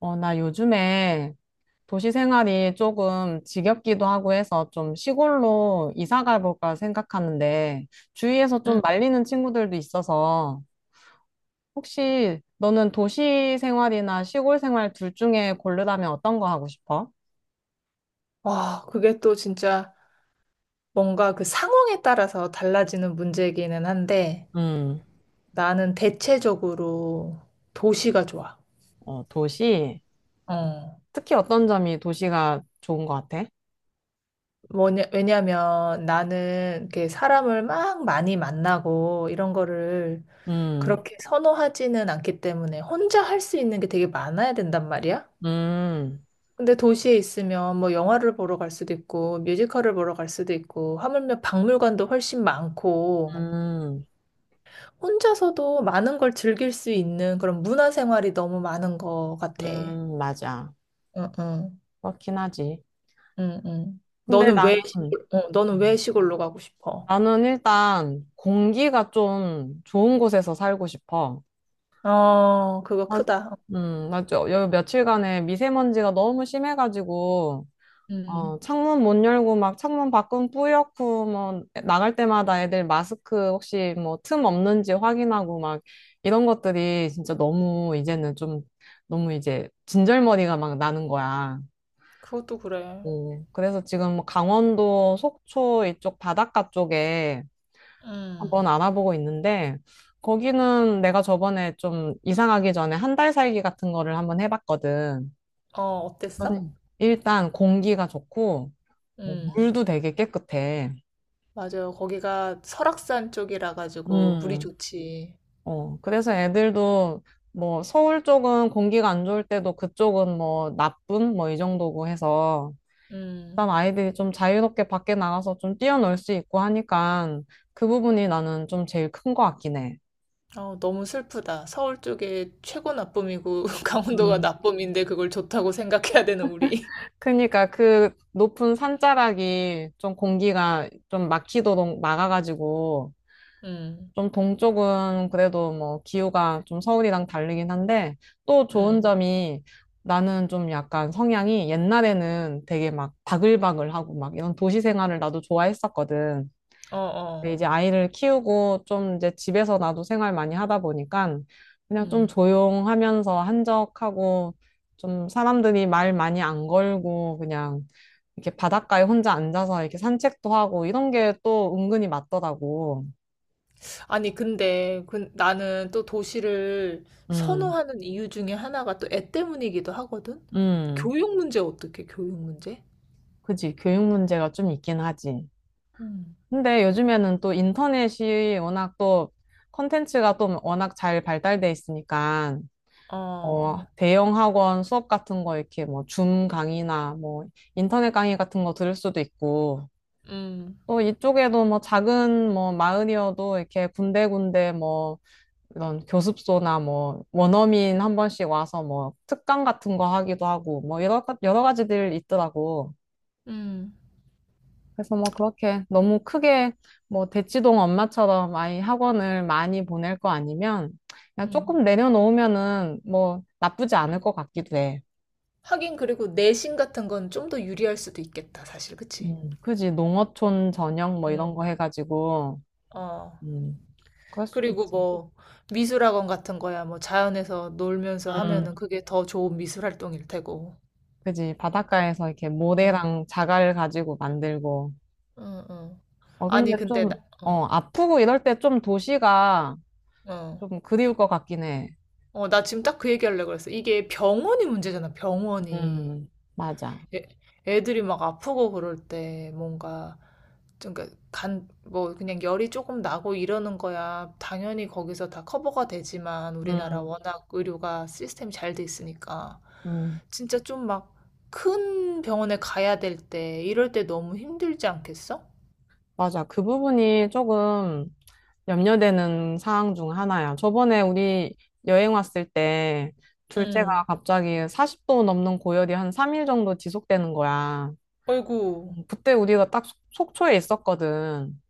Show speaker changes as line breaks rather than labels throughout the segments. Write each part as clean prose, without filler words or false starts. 나 요즘에 도시 생활이 조금 지겹기도 하고 해서 좀 시골로 이사 가볼까 생각하는데 주위에서
음.
좀 말리는 친구들도 있어서 혹시 너는 도시 생활이나 시골 생활 둘 중에 고르라면 어떤 거 하고 싶어?
와, 그게 또 진짜 뭔가 그 상황에 따라서 달라지는 문제이기는 한데
음.
나는 대체적으로 도시가 좋아.
어, 도시.
어.
특히 어떤 점이 도시가 좋은 것 같아?
뭐냐, 왜냐면 나는 이렇게 사람을 막 많이 만나고 이런 거를
음,
그렇게 선호하지는 않기 때문에 혼자 할 수 있는 게 되게 많아야 된단 말이야.
음,
근데 도시에 있으면 뭐 영화를 보러 갈 수도 있고 뮤지컬을 보러 갈 수도 있고 하물며 박물관도 훨씬 많고
음,
혼자서도 많은 걸 즐길 수 있는 그런 문화 생활이 너무 많은 것 같아.
맞아.
응, 응,
그렇긴 하지.
응, 응.
근데 나는,
너는 왜 시골로 가고 싶어?
나는 일단 공기가 좀 좋은 곳에서 살고 싶어.
어, 그거
아,
크다.
맞죠. 요 며칠간에 미세먼지가 너무 심해가지고,
음,
창문 못 열고 막 창문 밖은 뿌옇고, 뭐, 나갈 때마다 애들 마스크 혹시 뭐 틈 없는지 확인하고 막 이런 것들이 진짜 너무 이제는 좀 너무 이제 진절머리가 막 나는 거야.
그것도 그래.
어, 그래서 지금 뭐 강원도 속초 이쪽 바닷가 쪽에 한번
음,
알아보고 있는데, 거기는 내가 저번에 좀 이사가기 전에 한 달 살기 같은 거를 한번 해봤거든.
어, 어땠어?
그 일단 공기가 좋고, 뭐
음,
물도 되게 깨끗해.
맞아요. 거기가 설악산 쪽이라 가지고 물이
음,
좋지.
어, 그래서 애들도 뭐 서울 쪽은 공기가 안 좋을 때도 그쪽은 뭐 나쁨 뭐 이 정도고 해서 일단
음,
아이들이 좀 자유롭게 밖에 나가서 좀 뛰어놀 수 있고 하니까 그 부분이 나는 좀 제일 큰 것 같긴 해.
어, 너무 슬프다. 서울 쪽에 최고 나쁨이고 강원도가
음.
나쁨인데 그걸 좋다고 생각해야 되는 우리.
그러니까 그 높은 산자락이 좀 공기가 좀 막히도록 막아가지고
음,
좀 동쪽은 그래도 뭐 기후가 좀 서울이랑 다르긴 한데 또 좋은
음.
점이 나는 좀 약간 성향이 옛날에는 되게 막 바글바글하고 막 이런 도시 생활을 나도 좋아했었거든.
어,
근데
어.
이제 아이를 키우고 좀 이제 집에서 나도 생활 많이 하다 보니까 그냥 좀
음.
조용하면서 한적하고 좀 사람들이 말 많이 안 걸고 그냥 이렇게 바닷가에 혼자 앉아서 이렇게 산책도 하고 이런 게 또 은근히 맞더라고.
아니, 근데 그, 나는 또 도시를
음,
선호하는 이유 중에 하나가 또 애 때문이기도 하거든?
음,
교육 문제?
그지. 교육 문제가 좀 있긴 하지.
음.
근데 요즘에는 또 인터넷이 워낙 또 컨텐츠가 또 워낙 잘 발달돼 있으니까
어,
대형 학원 수업 같은 거 이렇게 뭐 줌 강의나 뭐 인터넷 강의 같은 거 들을 수도 있고
음,
또 이쪽에도 뭐 작은 뭐 마을이어도 이렇게 군데군데 뭐 이런 교습소나 뭐 원어민 한 번씩 와서 뭐 특강 같은 거 하기도 하고 뭐 여러, 여러 가지들 있더라고.
음,
그래서 뭐 그렇게 너무 크게 뭐 대치동 엄마처럼 아이 학원을 많이 보낼 거 아니면 그냥
음.
조금 내려놓으면은 뭐 나쁘지 않을 것 같기도 해.
하긴, 그리고 내신 같은 건 좀 더 유리할 수도 있겠다, 사실, 그치?
그지. 농어촌 저녁 뭐 이런 거
음,
해가지고.
어.
음, 그럴 수도
그리고
있지.
뭐, 미술학원 같은 거야, 뭐, 자연에서 놀면서 하면은
음,
그게 더 좋은 미술 활동일 테고.
그지. 바닷가에서 이렇게
응,
모래랑 자갈 가지고 만들고.
응, 응.
어,
아니,
근데
근데,
좀,
나, 어,
어, 아프고 이럴 때 좀 도시가
어.
좀 그리울 것 같긴 해.
어, 나 지금 딱 그 얘기하려고 그랬어. 이게 병원이 문제잖아, 병원이.
음, 맞아.
애, 애들이 막 아프고 그럴 때 뭔가, 좀 그러니까 뭐 그냥 열이 조금 나고 이러는 거야. 당연히 거기서 다 커버가 되지만 우리나라
음,
워낙 의료가 시스템이 잘 돼 있으니까.
음,
진짜 좀 막 큰 병원에 가야 될 때, 이럴 때 너무 힘들지 않겠어?
맞아. 그 부분이 조금 염려되는 사항 중 하나야. 저번에 우리 여행 왔을 때 둘째가
응.
갑자기 40도 넘는 고열이 한 3일 정도 지속되는 거야.
어이구.
그때 우리가 딱 속초에 있었거든.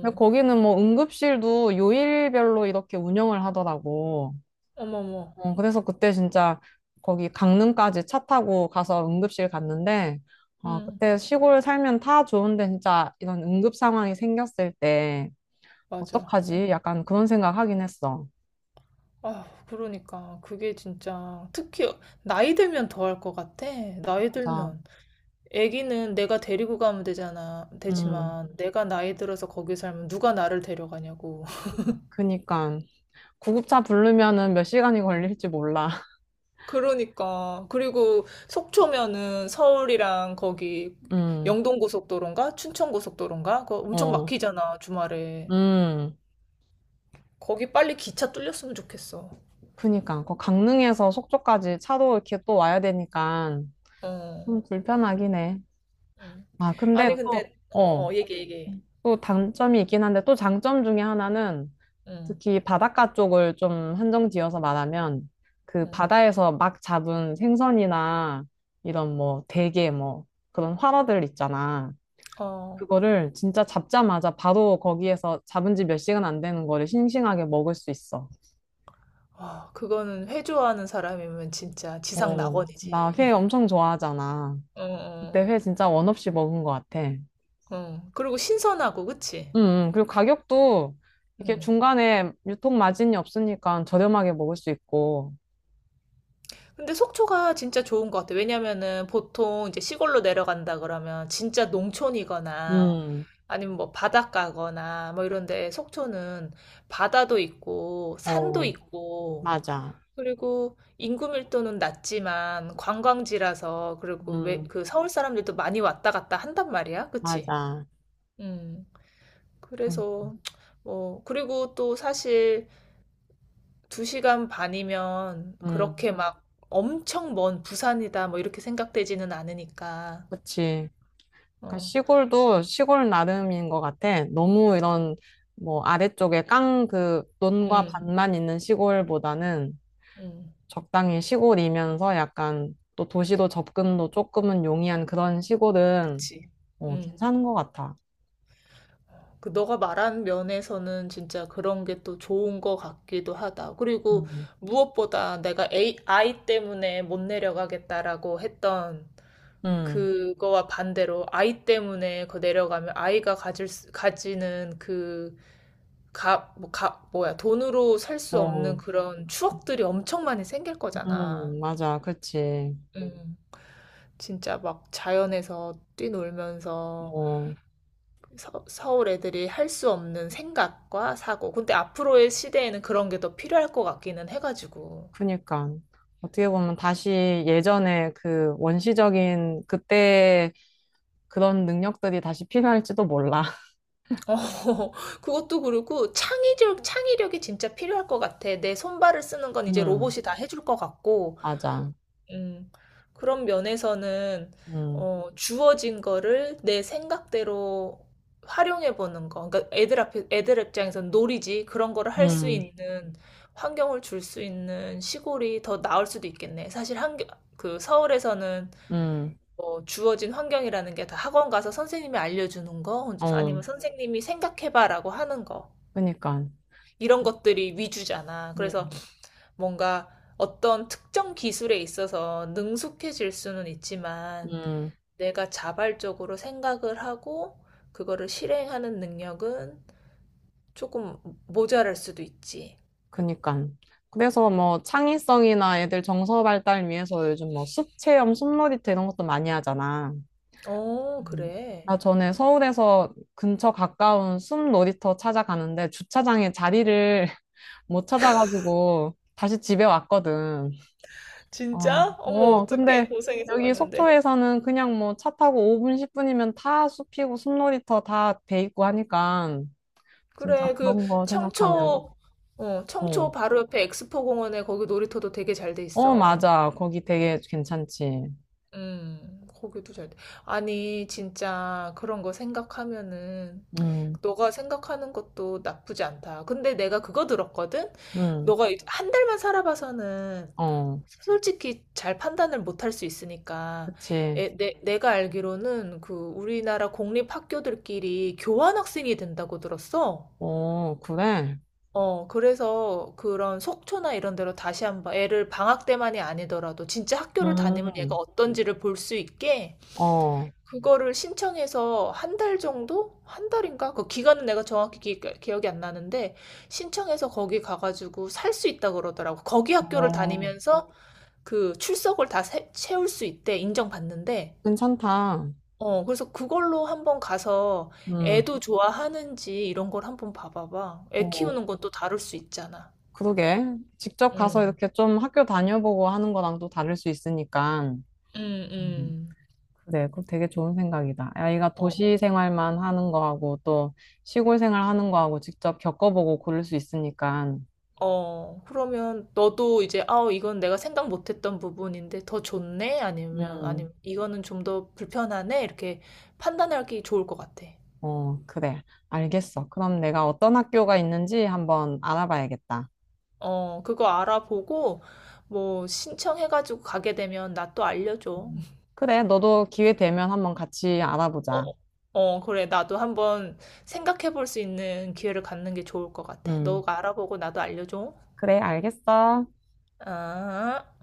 근데 거기는 뭐 응급실도 요일별로 이렇게 운영을 하더라고.
어머머.
그래서 그때 진짜 거기 강릉까지 차 타고 가서 응급실 갔는데,
응.
그때 시골 살면 다 좋은데 진짜 이런 응급 상황이 생겼을 때
맞아.
어떡하지?
응.
약간 그런 생각 하긴 했어.
아, 그러니까 그게 진짜 특히 나이 들면 더 할 것 같아. 나이
맞아.
들면 아기는 내가 데리고 가면 되잖아.
음,
되지만 내가 나이 들어서 거기 살면 누가 나를 데려가냐고.
그니까. 구급차 부르면은 몇 시간이 걸릴지 몰라.
그러니까 그리고 속초면은 서울이랑 거기
음,
영동고속도로인가 춘천고속도로인가 그거 엄청
어,
막히잖아 주말에.
음.
거기 빨리 기차 뚫렸으면 좋겠어.
그니까 그 강릉에서 속초까지 차로 이렇게 또 와야 되니까
어.
좀 불편하긴 해.
음.
아, 근데
아니 아,
또,
근데 어
어,
어 얘기 얘기.
또 단점이 있긴 한데 또 장점 중에 하나는
응.
특히 바닷가 쪽을 좀 한정 지어서 말하면 그
응.
바다에서 막 잡은 생선이나 이런 뭐 대게 뭐 그런 활어들 있잖아.
어.
그거를 진짜 잡자마자 바로 거기에서 잡은 지 몇 시간 안 되는 거를 싱싱하게 먹을 수 있어.
아, 그거는 회 좋아하는 사람이면 진짜 지상
어, 나
낙원이지.
회 엄청 좋아하잖아. 그때
어어.
회 진짜 원 없이 먹은 것 같아. 응,
어. 어. 그리고 신선하고 그치?
응. 그리고 가격도 이게
음.
중간에 유통 마진이 없으니까 저렴하게 먹을 수 있고.
근데 속초가 진짜 좋은 것 같아. 왜냐면은 보통 이제 시골로 내려간다 그러면 진짜 농촌이거나
음,
아니면 뭐 바닷가거나 뭐 이런 데 속초는 바다도 있고 산도
어,
있고
맞아.
그리고 인구 밀도는 낮지만 관광지라서 그리고 왜
음,
그 서울 사람들도 많이 왔다 갔다 한단 말이야. 그치?
맞아.
음.
그,
그래서 뭐 그리고 또 사실 2시간 반이면
음,
그렇게 막 엄청 먼 부산이다 뭐 이렇게 생각되지는 않으니까.
그치. 그러니까
어.
시골도 시골 나름인 것 같아. 너무 이런 뭐 아래쪽에 깡 그 논과
응
밭만 있는 시골보다는
음.
적당히 시골이면서 약간 또 도시도 접근도 조금은 용이한 그런 시골은
그치.
어,
음.
괜찮은 것 같아.
그 너가 말한 면에서는 진짜 그런 게 또 좋은 거 같기도 하다. 그리고
음,
무엇보다 내가 아이 때문에 못 내려가겠다라고 했던
음,
그거와 반대로 아이 때문에 그 내려가면 아이가 가지는 그 값, 뭐, 값, 뭐야, 돈으로 살 수 없는
어,
그런 추억들이 엄청 많이 생길 거잖아.
맞아, 그치.
음. 진짜 막 자연에서 뛰놀면서
어,
서울 애들이 할 수 없는 생각과 사고. 근데 앞으로의 시대에는 그런 게 더 필요할 것 같기는 해가지고.
그니까. 어떻게 보면 다시 예전에 그 원시적인 그때 그런 능력들이 다시 필요할지도 몰라.
어, 그것도 그렇고 창의력, 창의력이 진짜 필요할 것 같아. 내 손발을 쓰는 건 이제
음,
로봇이 다 해줄 것 같고,
맞아.
음, 그런 면에서는
음,
어, 주어진 거를 내 생각대로 활용해 보는 거. 그러니까 애들 앞에 애들 입장에서는 놀이지 그런 거를 할 수
음,
있는 환경을 줄 수 있는 시골이 더 나을 수도 있겠네. 사실 한그 서울에서는
음,
뭐 주어진 환경이라는 게 다 학원 가서 선생님이 알려주는 거
어,
아니면 선생님이 생각해봐라고 하는 거
그니까.
이런 것들이 위주잖아. 그래서
음,
뭔가 어떤 특정 기술에 있어서 능숙해질 수는 있지만
음,
내가 자발적으로 생각을 하고 그거를 실행하는 능력은 조금 모자랄 수도 있지.
그니까. 그래서 뭐 창의성이나 애들 정서 발달 위해서 요즘 뭐 숲 체험, 숲놀이터 이런 것도 많이 하잖아.
어,
음.
그래.
나 전에 서울에서 근처 가까운 숨 놀이터 찾아가는데 주차장에 자리를 못 찾아가지고 다시 집에 왔거든. 아,
진짜?
어,
어머,
어,
어떡해.
근데
고생해서
여기
갔는데.
속초에서는 그냥 뭐 차 타고 5분, 10분이면 다 숲이고 숨 놀이터 다 돼 있고 하니까 진짜
그래, 그
그런 거 생각하면,
청초, 청초
어,
바로 옆에 엑스포 공원에 거기 놀이터도 되게 잘 돼
어,
있어.
맞아. 거기 되게 괜찮지.
고기도 잘 돼. 아니, 진짜 그런 거 생각하면은
음,
너가 생각하는 것도 나쁘지 않다. 근데 내가 그거 들었거든?
음,
너가 한 달만 살아봐서는
어,
솔직히 잘 판단을 못할 수 있으니까.
그치.
내가 알기로는 그 우리나라 공립학교들끼리 교환학생이 된다고 들었어.
어, 그래.
어, 그래서 그런 속초나 이런 데로 다시 한번 애를 방학 때만이 아니더라도 진짜 학교를 다니면 얘가
음,
어떤지를 볼 수 있게
어,
그거를 신청해서 한 달 정도? 한 달인가? 그 기간은 내가 정확히 기억이 안 나는데 신청해서 거기 가가지고 살 수 있다 그러더라고. 거기 학교를
어.
다니면서 그 출석을 다 채울 수 있대 인정받는데.
괜찮다.
어, 그래서 그걸로 한번 가서
음,
애도 좋아하는지 이런 걸 한번 봐봐봐. 애
어,
키우는 건 또 다를 수 있잖아.
그러게. 직접 가서
음,
이렇게 좀 학교 다녀보고 하는 거랑 또 다를 수 있으니까.
음,
음,
음.
그래, 그거 되게 좋은 생각이다. 아이가
어,
도시 생활만 하는 거하고 또 시골 생활 하는 거하고 직접 겪어보고 고를 수 있으니까.
그러면 너도 이제, 아, 이건 내가 생각 못했던 부분인데 더 좋네? 아니면,
음,
아니면, 이거는 좀 더 불편하네? 이렇게 판단하기 좋을 것 같아.
어, 그래. 알겠어. 그럼 내가 어떤 학교가 있는지 한번 알아봐야겠다.
어, 그거 알아보고, 뭐, 신청해가지고 가게 되면 나 또 알려줘.
음, 그래, 너도 기회 되면 한번 같이 알아보자.
어, 어, 그래. 나도 한번 생각해 볼 수 있는 기회를 갖는 게 좋을 것 같아.
음,
너가 알아보고 나도 알려줘.
그래, 알겠어.
아.